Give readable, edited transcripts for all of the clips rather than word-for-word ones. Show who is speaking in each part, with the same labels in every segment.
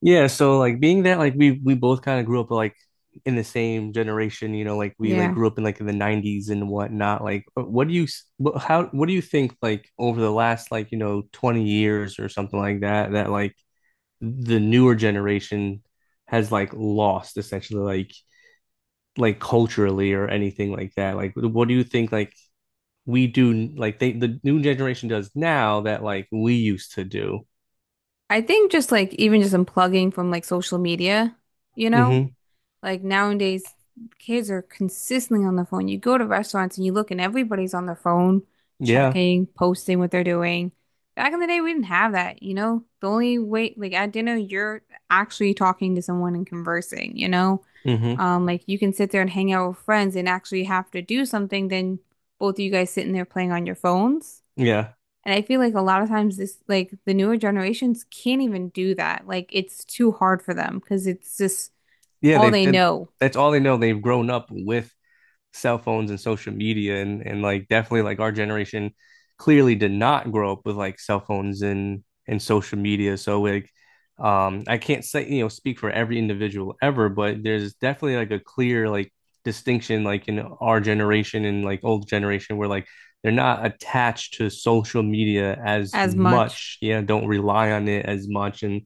Speaker 1: Yeah, so being that we both kind of grew up like in the same generation, you know, like we
Speaker 2: Yeah.
Speaker 1: grew up in like in the 90s and whatnot. What do you think, like over the last, 20 years or something like that, that like the newer generation has like lost essentially, like culturally or anything like that. Like what do you think we do like the new generation does now that like we used to do?
Speaker 2: I think just like even just unplugging from like social media, you know?
Speaker 1: Mm-hmm.
Speaker 2: Like nowadays kids are consistently on the phone. You go to restaurants and you look and everybody's on their phone,
Speaker 1: Yeah.
Speaker 2: checking, posting what they're doing. Back in the day we didn't have that, you know? The only way like at dinner you're actually talking to someone and conversing, you know?
Speaker 1: Mm-hmm.
Speaker 2: Like you can sit there and hang out with friends and actually have to do something than both of you guys sitting there playing on your phones.
Speaker 1: Yeah.
Speaker 2: And I feel like a lot of times this like the newer generations can't even do that. Like it's too hard for them because it's just
Speaker 1: yeah,
Speaker 2: all
Speaker 1: they've
Speaker 2: they
Speaker 1: did
Speaker 2: know
Speaker 1: That's all they know. They've grown up with cell phones and social media, and like definitely like our generation clearly did not grow up with like cell phones and social media. So like I can't say, speak for every individual ever, but there's definitely like a clear like distinction like in our generation and like old generation where like they're not attached to social media as
Speaker 2: as much.
Speaker 1: much. Yeah, don't rely on it as much. And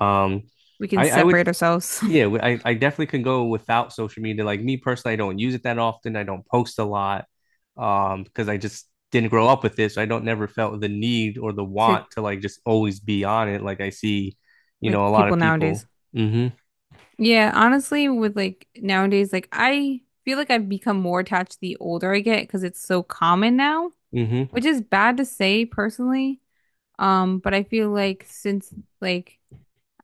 Speaker 1: um
Speaker 2: We can
Speaker 1: I would,
Speaker 2: separate ourselves
Speaker 1: yeah, I definitely can go without social media. Like me personally, I don't use it that often. I don't post a lot, because I just didn't grow up with this. So I don't, never felt the need or the
Speaker 2: to
Speaker 1: want to like just always be on it. Like I see, you know, a
Speaker 2: like
Speaker 1: lot
Speaker 2: people
Speaker 1: of
Speaker 2: nowadays.
Speaker 1: people. Mm-hmm.
Speaker 2: Yeah, honestly, with like nowadays, like I feel like I've become more attached the older I get because it's so common now,
Speaker 1: Mm-hmm.
Speaker 2: which is bad to say personally. But I feel like since like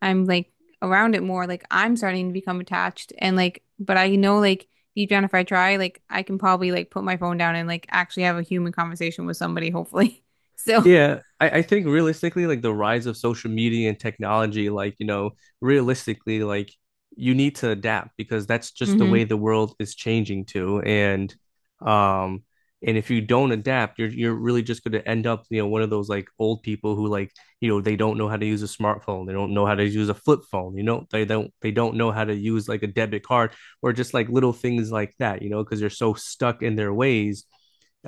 Speaker 2: I'm like around it more, like I'm starting to become attached and like, but I know like deep down if I try, like I can probably like put my phone down and like actually have a human conversation with somebody, hopefully. So,
Speaker 1: Yeah, I think realistically, like the rise of social media and technology, like, you know, realistically, like you need to adapt because that's just the
Speaker 2: mm-hmm,
Speaker 1: way the world is changing to. Um and if you don't adapt, you're really just gonna end up, you know, one of those like old people who like, you know, they don't know how to use a smartphone, they don't know how to use a flip phone, you know, they don't know how to use like a debit card or just like little things like that, you know, because they're so stuck in their ways.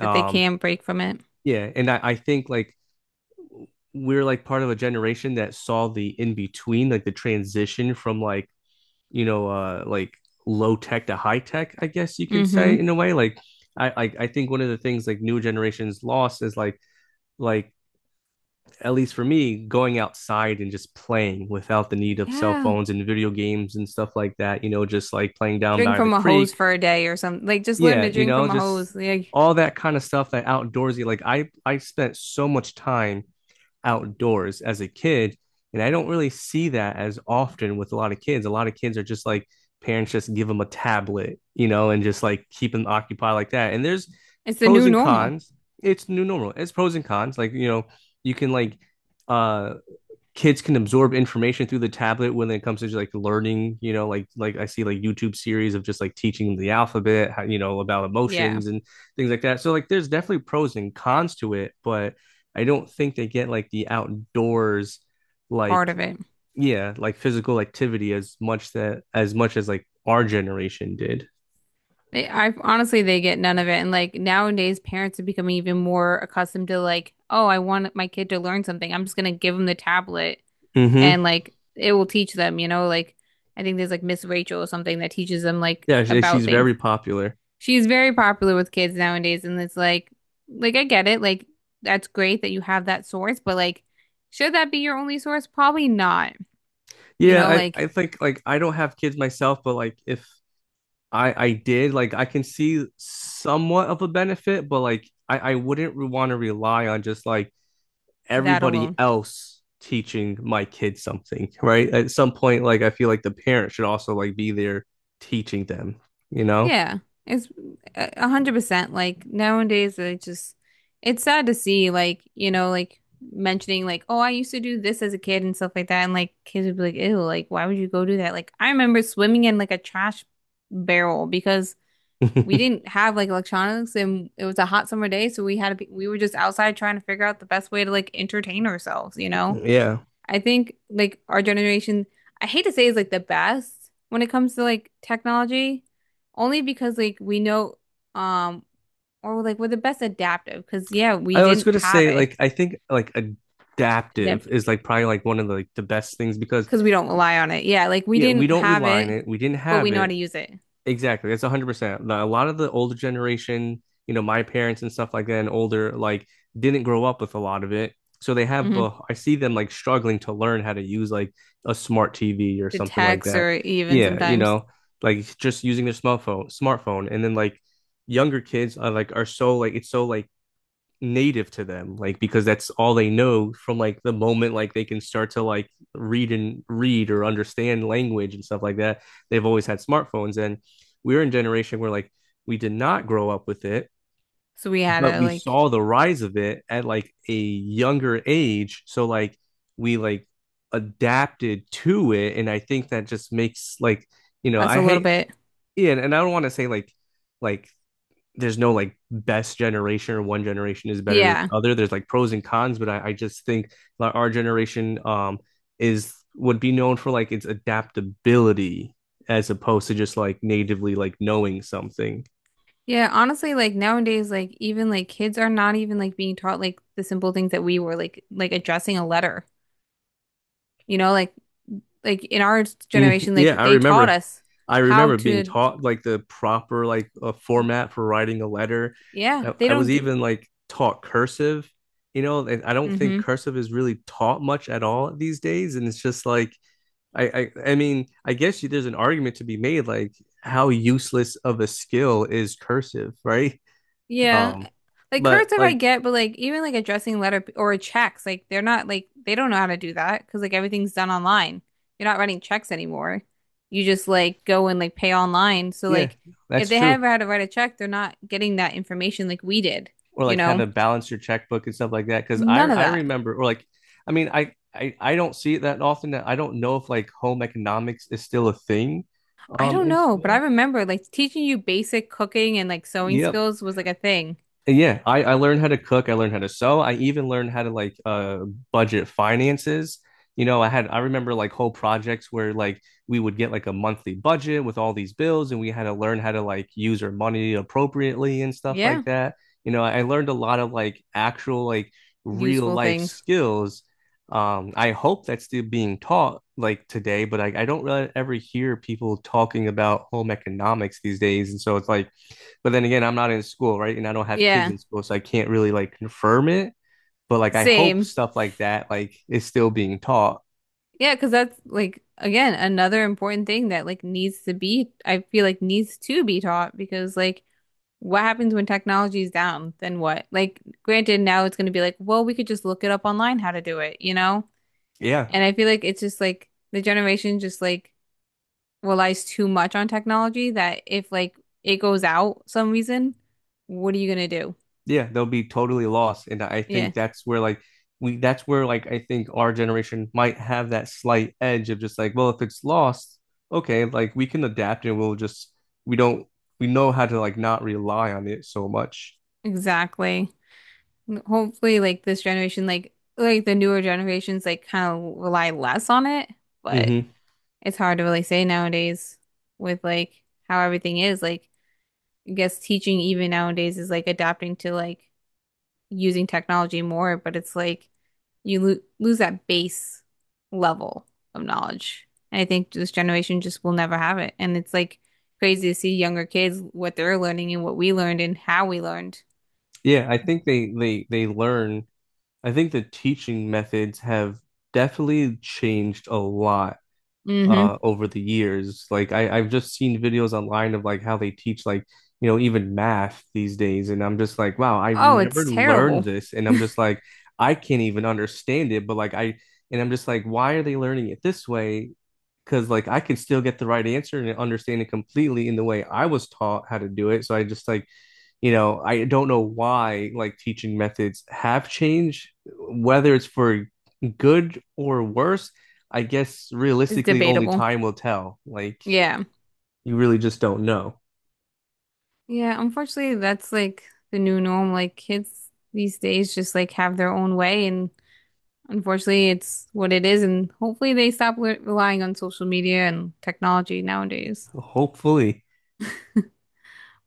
Speaker 2: that they can break from it.
Speaker 1: yeah, and I think like we're like part of a generation that saw the in between, like the transition from like, you know, like low tech to high tech, I guess you can
Speaker 2: Mm-hmm.
Speaker 1: say in a way. Like I think one of the things like new generations lost is like at least for me, going outside and just playing without the need of cell
Speaker 2: Yeah.
Speaker 1: phones and video games and stuff like that, you know, just like playing down
Speaker 2: Drink
Speaker 1: by the
Speaker 2: from a hose
Speaker 1: creek.
Speaker 2: for a day or something. Like just learn
Speaker 1: Yeah,
Speaker 2: to
Speaker 1: you
Speaker 2: drink
Speaker 1: know,
Speaker 2: from a
Speaker 1: just
Speaker 2: hose. Like
Speaker 1: all that kind of stuff, that outdoorsy, like I spent so much time outdoors as a kid. And I don't really see that as often with a lot of kids. A lot of kids are just like, parents just give them a tablet, you know, and just like keep them occupied like that. And there's
Speaker 2: it's the
Speaker 1: pros
Speaker 2: new
Speaker 1: and
Speaker 2: normal.
Speaker 1: cons. It's new normal. It's pros and cons. Like, you know, you can like uh kids can absorb information through the tablet when it comes to just like learning, you know, like I see like YouTube series of just like teaching them the alphabet, how, you know, about
Speaker 2: Yeah,
Speaker 1: emotions and things like that. So like there's definitely pros and cons to it, but I don't think they get like the outdoors,
Speaker 2: part
Speaker 1: like
Speaker 2: of it.
Speaker 1: yeah like physical activity as much, that as much as like our generation did.
Speaker 2: They, I honestly, they get none of it. And like nowadays, parents are becoming even more accustomed to like, oh, I want my kid to learn something. I'm just gonna give them the tablet
Speaker 1: Mm-hmm.
Speaker 2: and like it will teach them, you know, like I think there's like Miss Rachel or something that teaches them like
Speaker 1: Yeah, she,
Speaker 2: about
Speaker 1: she's
Speaker 2: things.
Speaker 1: very popular.
Speaker 2: She's very popular with kids nowadays, and it's like I get it, like that's great that you have that source, but like, should that be your only source? Probably not, you
Speaker 1: Yeah,
Speaker 2: know,
Speaker 1: I,
Speaker 2: like
Speaker 1: I think like I don't have kids myself, but like if I did, like I can see somewhat of a benefit, but like I wouldn't want to rely on just like
Speaker 2: that
Speaker 1: everybody
Speaker 2: alone.
Speaker 1: else teaching my kids something, right? At some point, like I feel like the parent should also like be there teaching them, you know?
Speaker 2: Yeah, it's a hundred percent. Like nowadays, I just it's sad to see, like you know, like mentioning like, oh, I used to do this as a kid and stuff like that, and like kids would be like, ew, like why would you go do that? Like I remember swimming in like a trash barrel because we didn't have like electronics and it was a hot summer day, so we had to be, we were just outside trying to figure out the best way to like entertain ourselves, you know?
Speaker 1: Yeah.
Speaker 2: I think like our generation, I hate to say is like the best when it comes to like technology, only because like we know um or like we're the best adaptive because yeah, we
Speaker 1: I was
Speaker 2: didn't
Speaker 1: gonna
Speaker 2: have
Speaker 1: say
Speaker 2: it
Speaker 1: like I think like adaptive is like probably like one of the the best things because
Speaker 2: because we don't rely on it. Yeah, like we
Speaker 1: yeah, we
Speaker 2: didn't
Speaker 1: don't
Speaker 2: have
Speaker 1: rely on
Speaker 2: it,
Speaker 1: it. We didn't
Speaker 2: but we
Speaker 1: have
Speaker 2: know how to
Speaker 1: it.
Speaker 2: use it.
Speaker 1: Exactly. That's 100%. A lot of the older generation, you know, my parents and stuff like that and older, like didn't grow up with a lot of it. So they have,
Speaker 2: Hmm.
Speaker 1: I see them like struggling to learn how to use like a smart TV or
Speaker 2: To
Speaker 1: something like
Speaker 2: text
Speaker 1: that.
Speaker 2: or even
Speaker 1: Yeah, you
Speaker 2: sometimes.
Speaker 1: know, like just using their smartphone. And then like younger kids are like, are so like, it's so like native to them, like because that's all they know from like the moment like they can start to like read or understand language and stuff like that, they've always had smartphones. And we are in generation where like we did not grow up with it,
Speaker 2: So we had
Speaker 1: but
Speaker 2: to
Speaker 1: we
Speaker 2: like
Speaker 1: saw the rise of it at like a younger age, so like we like adapted to it. And I think that just makes like, you know,
Speaker 2: us a
Speaker 1: I
Speaker 2: little
Speaker 1: hate,
Speaker 2: bit.
Speaker 1: yeah, and I don't want to say like, like there's no like best generation or one generation is better than
Speaker 2: Yeah.
Speaker 1: the other. There's like pros and cons, but I just think like our generation is, would be known for like its adaptability as opposed to just like natively like knowing something.
Speaker 2: Yeah, honestly, like nowadays, like even like kids are not even like being taught like the simple things that we were like addressing a letter. You know, like in our
Speaker 1: Mhm.
Speaker 2: generation,
Speaker 1: Yeah,
Speaker 2: like
Speaker 1: I
Speaker 2: they taught
Speaker 1: remember,
Speaker 2: us
Speaker 1: I
Speaker 2: how
Speaker 1: remember being
Speaker 2: to,
Speaker 1: taught like the proper like format for writing a letter.
Speaker 2: yeah,
Speaker 1: I,
Speaker 2: they
Speaker 1: I
Speaker 2: don't
Speaker 1: was
Speaker 2: do,
Speaker 1: even like taught cursive, you know, and I don't think
Speaker 2: hmm.
Speaker 1: cursive is really taught much at all these days. And it's just like I mean, I guess you, there's an argument to be made, like how useless of a skill is cursive, right?
Speaker 2: Yeah.
Speaker 1: Um,
Speaker 2: Like
Speaker 1: but
Speaker 2: cursive I
Speaker 1: like,
Speaker 2: get, but like even like addressing letter p- or checks, like they're not like they don't know how to do that because like everything's done online. You're not writing checks anymore. You just like go and like pay online. So
Speaker 1: yeah,
Speaker 2: like if
Speaker 1: that's
Speaker 2: they
Speaker 1: true.
Speaker 2: ever had to write a check, they're not getting that information like we did,
Speaker 1: Or
Speaker 2: you
Speaker 1: like how
Speaker 2: know?
Speaker 1: to balance your checkbook and stuff like that. Because I
Speaker 2: None of
Speaker 1: I
Speaker 2: that.
Speaker 1: remember, or like, I mean, I don't see it that often. That I don't know if like home economics is still a thing,
Speaker 2: I don't
Speaker 1: in
Speaker 2: know, but I
Speaker 1: school.
Speaker 2: remember like teaching you basic cooking and like sewing
Speaker 1: Yep.
Speaker 2: skills was like a thing.
Speaker 1: Yeah, I learned how to cook. I learned how to sew. I even learned how to like budget finances. You know, I remember like whole projects where like we would get like a monthly budget with all these bills and we had to learn how to like use our money appropriately and stuff
Speaker 2: Yeah,
Speaker 1: like that. You know, I learned a lot of like actual like real
Speaker 2: useful
Speaker 1: life
Speaker 2: things.
Speaker 1: skills. I hope that's still being taught like today, but I don't really ever hear people talking about home economics these days. And so it's like, but then again, I'm not in school, right? And I don't have kids
Speaker 2: Yeah,
Speaker 1: in school, so I can't really like confirm it. But like I hope
Speaker 2: same.
Speaker 1: stuff like that like is still being taught.
Speaker 2: Yeah, because that's like again another important thing that like needs to be, I feel like needs to be taught because like what happens when technology is down? Then what? Like, granted, now it's going to be like, well, we could just look it up online how to do it, you know?
Speaker 1: Yeah.
Speaker 2: And I feel like it's just like the generation just like relies too much on technology that if like it goes out some reason, what are you going to do?
Speaker 1: Yeah, they'll be totally lost. And I
Speaker 2: Yeah,
Speaker 1: think that's where like we that's where like I think our generation might have that slight edge of just like, well, if it's lost, okay, like we can adapt and we'll just, we don't we know how to like not rely on it so much.
Speaker 2: exactly. Hopefully, like this generation, like the newer generations, like kind of rely less on it, but
Speaker 1: Hmm.
Speaker 2: it's hard to really say nowadays with like how everything is. Like, I guess teaching even nowadays is like adapting to like using technology more, but it's like you lo lose that base level of knowledge. And I think this generation just will never have it. And it's like crazy to see younger kids what they're learning and what we learned and how we learned.
Speaker 1: Yeah, I think they learn, I think the teaching methods have definitely changed a lot
Speaker 2: Hmm.
Speaker 1: over the years. Like I've just seen videos online of like how they teach like, you know, even math these days. And I'm just like, wow, I've
Speaker 2: Oh, it's
Speaker 1: never learned
Speaker 2: terrible.
Speaker 1: this. And I'm just like, I can't even understand it. But like I, and I'm just like, why are they learning it this way? Because like I can still get the right answer and understand it completely in the way I was taught how to do it. So I just like, you know, I don't know why like teaching methods have changed, whether it's for good or worse. I guess
Speaker 2: It's
Speaker 1: realistically, only
Speaker 2: debatable.
Speaker 1: time will tell. Like,
Speaker 2: Yeah.
Speaker 1: you really just don't know.
Speaker 2: Yeah, unfortunately that's like the new norm. Like kids these days just like have their own way and unfortunately it's what it is and hopefully they stop le relying on social media and technology nowadays.
Speaker 1: Hopefully.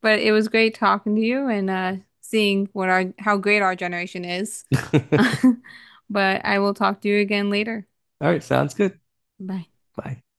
Speaker 2: But it was great talking to you and seeing what our how great our generation is.
Speaker 1: All
Speaker 2: But I will talk to you again later.
Speaker 1: right, sounds good.
Speaker 2: Bye.
Speaker 1: Bye.